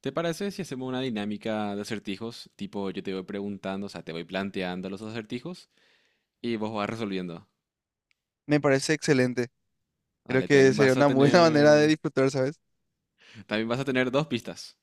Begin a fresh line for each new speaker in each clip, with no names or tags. ¿Te parece si hacemos una dinámica de acertijos? Tipo, yo te voy preguntando, o sea, te voy planteando los acertijos y vos vas resolviendo.
Me parece excelente. Creo
Dale,
que
también
sería
vas a
una buena manera de
tener,
disfrutar, ¿sabes?
también vas a tener dos pistas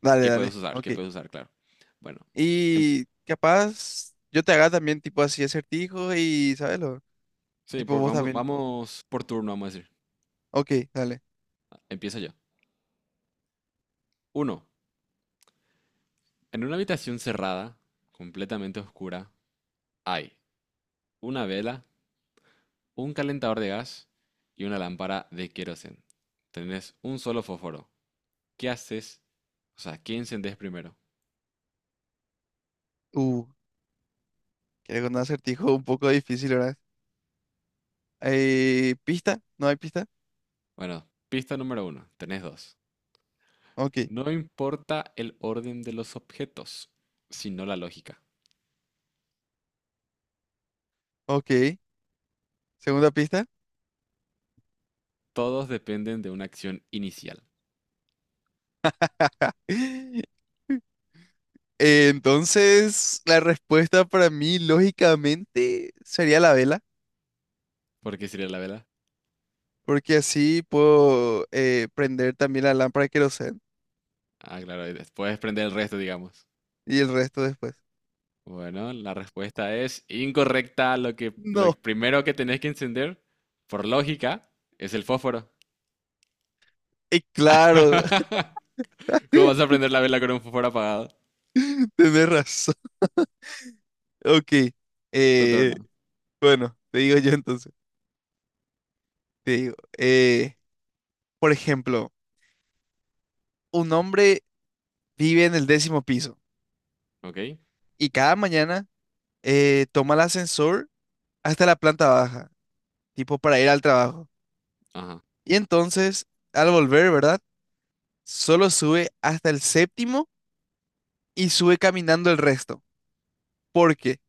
Dale,
que puedes
dale.
usar,
Ok.
que puedes usar, claro. Bueno, em-
Y capaz yo te haga también tipo así acertijos y, ¿sabes? Lo,
sí,
tipo vos
vamos,
también.
vamos por turno, vamos a decir.
Ok, dale.
Empiezo yo. Uno, en una habitación cerrada, completamente oscura, hay una vela, un calentador de gas y una lámpara de queroseno. Tenés un solo fósforo. ¿Qué haces? O sea, ¿qué encendés primero?
Uh, quiero con un acertijo un poco difícil, ¿verdad? ¿Pista? ¿No hay pista?
Bueno, pista número uno, tenés dos.
Ok,
No importa el orden de los objetos, sino la lógica.
ok. Segunda pista.
Todos dependen de una acción inicial.
Entonces, la respuesta para mí, lógicamente, sería la vela,
¿Por qué sería la vela?
porque así puedo prender también la lámpara de queroseno.
Ah, claro, y después prender el resto, digamos.
Y el resto después.
Bueno, la respuesta es incorrecta. Lo
No,
primero que tenés que encender, por lógica, es el fósforo.
claro,
¿Cómo vas a prender la vela con un fósforo apagado?
tenés razón. Ok,
Tu
eh,
turno,
bueno, te digo yo entonces. Te digo, por ejemplo, un hombre vive en el décimo piso
¿ok?
y cada mañana toma el ascensor hasta la planta baja, tipo para ir al trabajo.
Ajá,
Y entonces, al volver, ¿verdad? Solo sube hasta el séptimo y sube caminando el resto. ¿Por qué?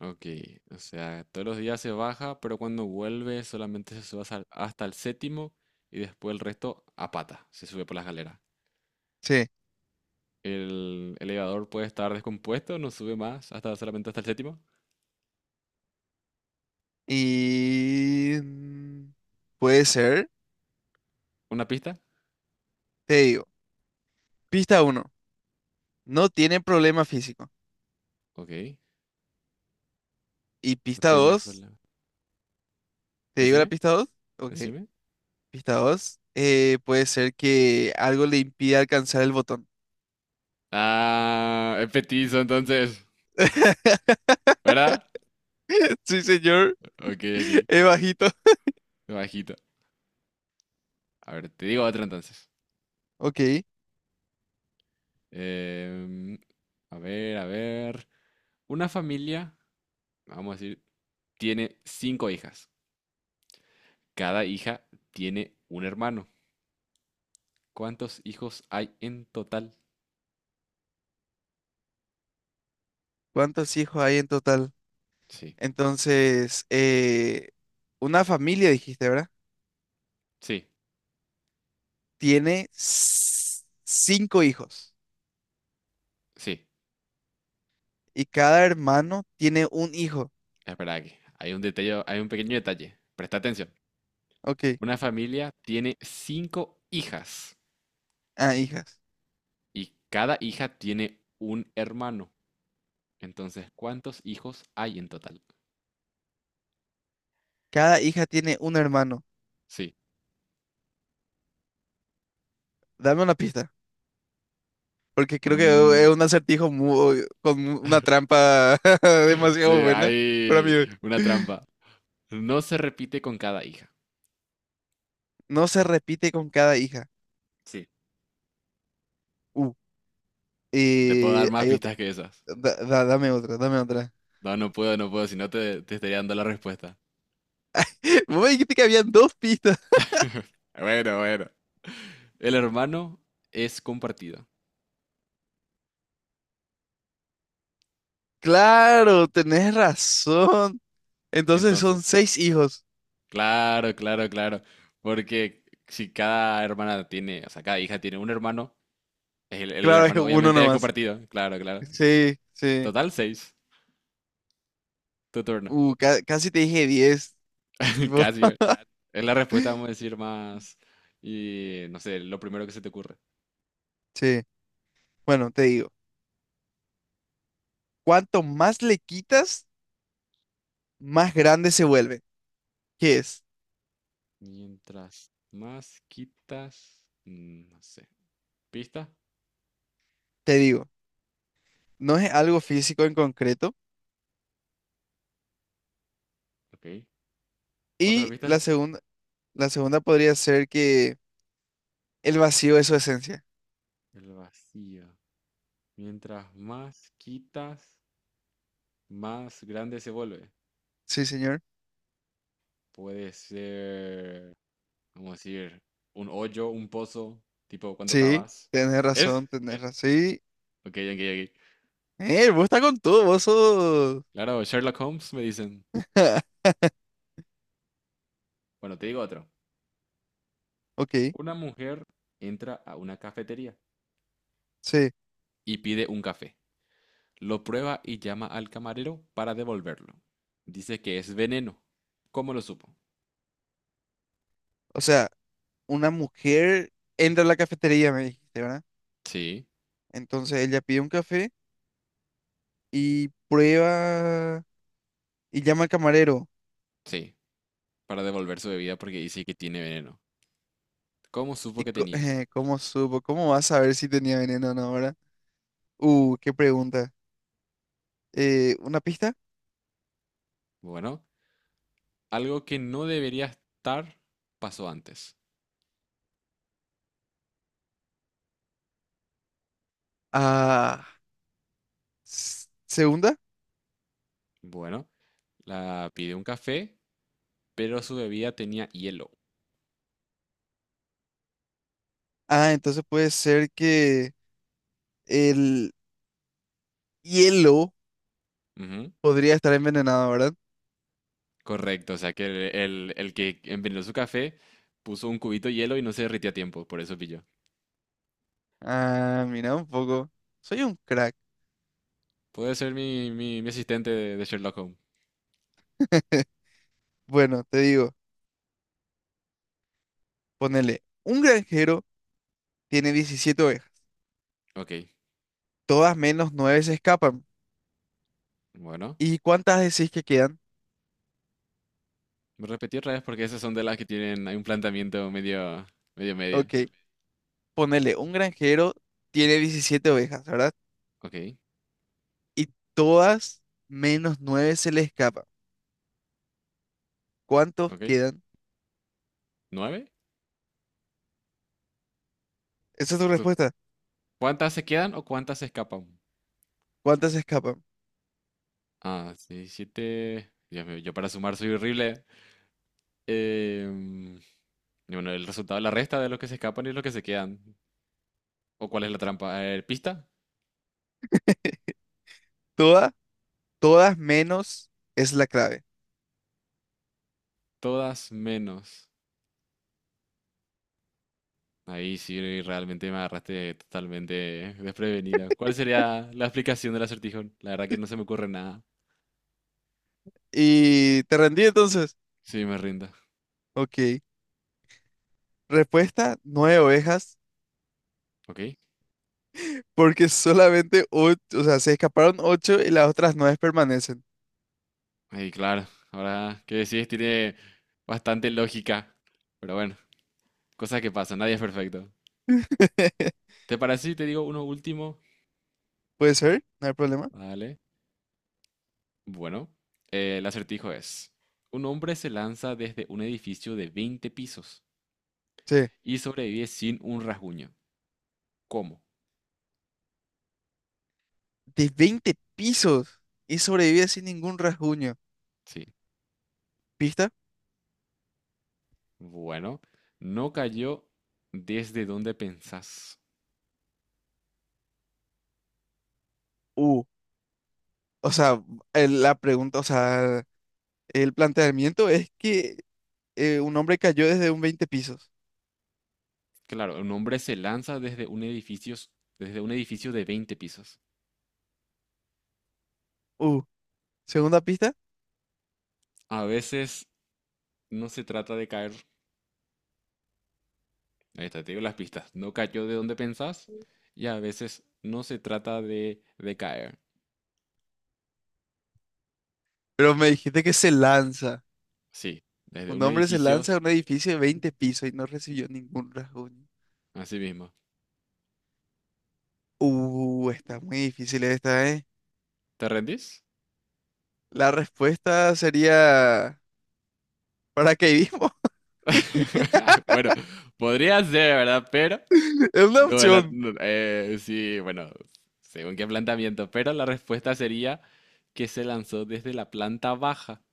ok. O sea, todos los días se baja, pero cuando vuelve solamente se sube hasta el séptimo y después el resto a pata, se sube por la escalera.
Sí,
El elevador puede estar descompuesto, no sube más, hasta solamente hasta el séptimo.
y mm, puede ser,
¿Una pista?
te digo. Pista uno, no tiene problema físico.
Ok,
Y
no
pista
tiene
2,
problema.
¿te digo la
Decime,
pista dos? Ok,
decime.
pista 2, puede ser que algo le impida alcanzar el botón.
Ah, es petizo entonces, ¿verdad?
Sí, señor,
Ok, ok,
es bajito.
bajito. A ver, te digo otra entonces.
Ok,
Em, a ver, a ver. Una familia, vamos a decir tiene cinco hijas. Cada hija tiene un hermano. ¿Cuántos hijos hay en total?
¿cuántos hijos hay en total?
Sí,
Entonces, una familia, dijiste, ¿verdad?
sí,
Tiene cinco hijos
sí.
y cada hermano tiene un hijo.
Espera aquí. Hay un detalle, hay un pequeño detalle. Presta atención.
Ok,
Una familia tiene cinco hijas
ah, hijas.
y cada hija tiene un hermano. Entonces, ¿cuántos hijos hay en total?
Cada hija tiene un hermano.
Sí.
Dame una pista, porque creo que
Mm,
es un acertijo con una trampa
sí,
demasiado buena para mí.
hay una trampa. No se repite con cada hija.
No se repite con cada hija.
Sí.
Uh,
Te puedo dar más
hay otra.
pistas que esas.
Dame otra, dame otra.
No, no puedo, no puedo, si no te estaría dando la respuesta.
Vos me dijiste que habían dos pistas.
Bueno, bueno. El hermano es compartido.
Claro, tenés razón. Entonces son
Entonces,
seis hijos.
claro, claro, claro. Porque si cada hermana tiene, o sea, cada hija tiene un hermano, el
Claro, es
hermano
uno
obviamente es
nomás.
compartido. Claro, claro.
Sí, sí.
Total, seis. Tu turno.
Uh, casi te dije diez. Tipo,
Casi. Es la respuesta, vamos a decir, más... Y no sé, lo primero que se te ocurre.
sí. Bueno, te digo. Cuanto más le quitas, más grande se vuelve. ¿Qué es?
Mientras más quitas... No sé. ¿Pista?
Te digo, no es algo físico en concreto.
Ok. Otra
Y
pista.
la segunda podría ser que el vacío es su esencia.
El vacío. Mientras más quitas, más grande se vuelve.
Sí, señor.
Puede ser, vamos a decir, un hoyo, un pozo, tipo cuando
Sí,
cavas.
tenés
¿Es?
razón, tenés razón. Sí.
Ok, ok, ok.
Vos estás con todo, vos sos...
Claro, Sherlock Holmes me dicen. Bueno, te digo otro.
Ok,
Una mujer entra a una cafetería
sí.
y pide un café. Lo prueba y llama al camarero para devolverlo. Dice que es veneno. ¿Cómo lo supo?
O sea, una mujer entra a la cafetería, me dijiste, ¿verdad?
Sí,
Entonces ella pide un café y prueba y llama al camarero.
sí, para devolver su bebida porque dice que tiene veneno. ¿Cómo supo que tenía?
¿Cómo supo? ¿Cómo va a saber si tenía veneno o no, verdad? Qué pregunta. ¿Una pista?
Bueno, algo que no debería estar pasó antes.
Ah. Segunda.
Bueno, la pidió un café, pero su bebida tenía hielo.
Ah, entonces puede ser que el hielo
Ujú,
podría estar envenenado, ¿verdad?
correcto, o sea que el que envenenó su café puso un cubito de hielo y no se derritió a tiempo, por eso pilló.
Ah, mira un poco. Soy un crack.
Puede ser mi asistente de Sherlock Holmes.
Bueno, te digo, ponele, un granjero tiene 17 ovejas,
Ok,
todas menos 9 se escapan.
bueno.
¿Y cuántas decís que quedan?
Me repetí otra vez porque esas son de las que tienen, hay un planteamiento medio, medio media.
Ok, ponele, un granjero tiene 17 ovejas, ¿verdad?
Ok,
Y todas menos 9 se le escapan. ¿Cuántos
ok.
quedan?
¿Nueve?
Esa es tu
¿Tú-
respuesta.
¿Cuántas se quedan o cuántas se escapan?
¿Cuántas se escapan?
Ah, 6, 7 Dios mío, yo para sumar soy horrible. Em, y bueno, el resultado la resta de los que se escapan y los que se quedan. ¿O cuál es la trampa? A ver, pista.
¿Todas? Todas menos es la clave.
Todas menos. Ahí sí realmente me agarraste totalmente desprevenida. ¿Cuál sería la explicación del acertijo? La verdad que no se me ocurre nada.
Y te rendí entonces.
Sí, me rindo.
Ok. Respuesta, nueve ovejas,
Ok.
porque solamente ocho, o sea, se escaparon ocho y las otras nueve permanecen.
Ahí, claro. Ahora que decís, tiene bastante lógica. Pero bueno, cosas que pasan. Nadie es perfecto. ¿Te parece si te digo uno último?
¿Puede ser? No hay problema.
Vale. Bueno, el acertijo es, un hombre se lanza desde un edificio de 20 pisos
Sí.
y sobrevive sin un rasguño. ¿Cómo?
De 20 pisos y sobrevive sin ningún rasguño.
Sí.
¿Pista?
Bueno, no cayó desde donde pensás.
Uh. O sea, la pregunta, o sea, el planteamiento es que un hombre cayó desde un 20 pisos.
Claro, un hombre se lanza desde un edificio de 20 pisos.
Uh. Segunda pista.
A veces no se trata de caer, ahí está, te digo las pistas, no cayó de donde pensás y a veces no se trata de caer.
Pero me dijiste que se lanza.
Sí, desde
Un
un
hombre se
edificio,
lanza a un edificio de 20 pisos y no recibió ningún rasguño.
así mismo.
Está muy difícil esta, ¿eh?
¿Te rendís?
La respuesta sería paracaidismo.
Bueno, podría ser, ¿verdad? Pero,
Es una
no,
opción.
no, sí, bueno, según qué planteamiento, pero la respuesta sería que se lanzó desde la planta baja,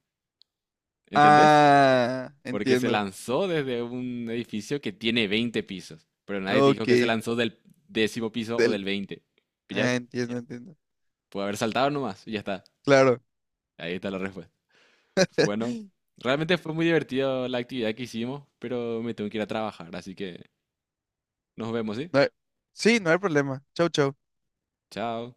¿entendés?
Ah,
Porque se
entiendo.
lanzó desde un edificio que tiene veinte pisos, pero nadie te dijo
Ok.
que se lanzó del décimo piso o
Del-
del veinte,
ah,
¿pillas?
entiendo, entiendo.
Puede haber saltado nomás y ya está,
Claro.
ahí está la respuesta. Bueno, realmente fue muy divertido la actividad que hicimos, pero me tengo que ir a trabajar, así que nos vemos, ¿sí?
No hay- Sí, no hay problema. Chau, chau.
Chao.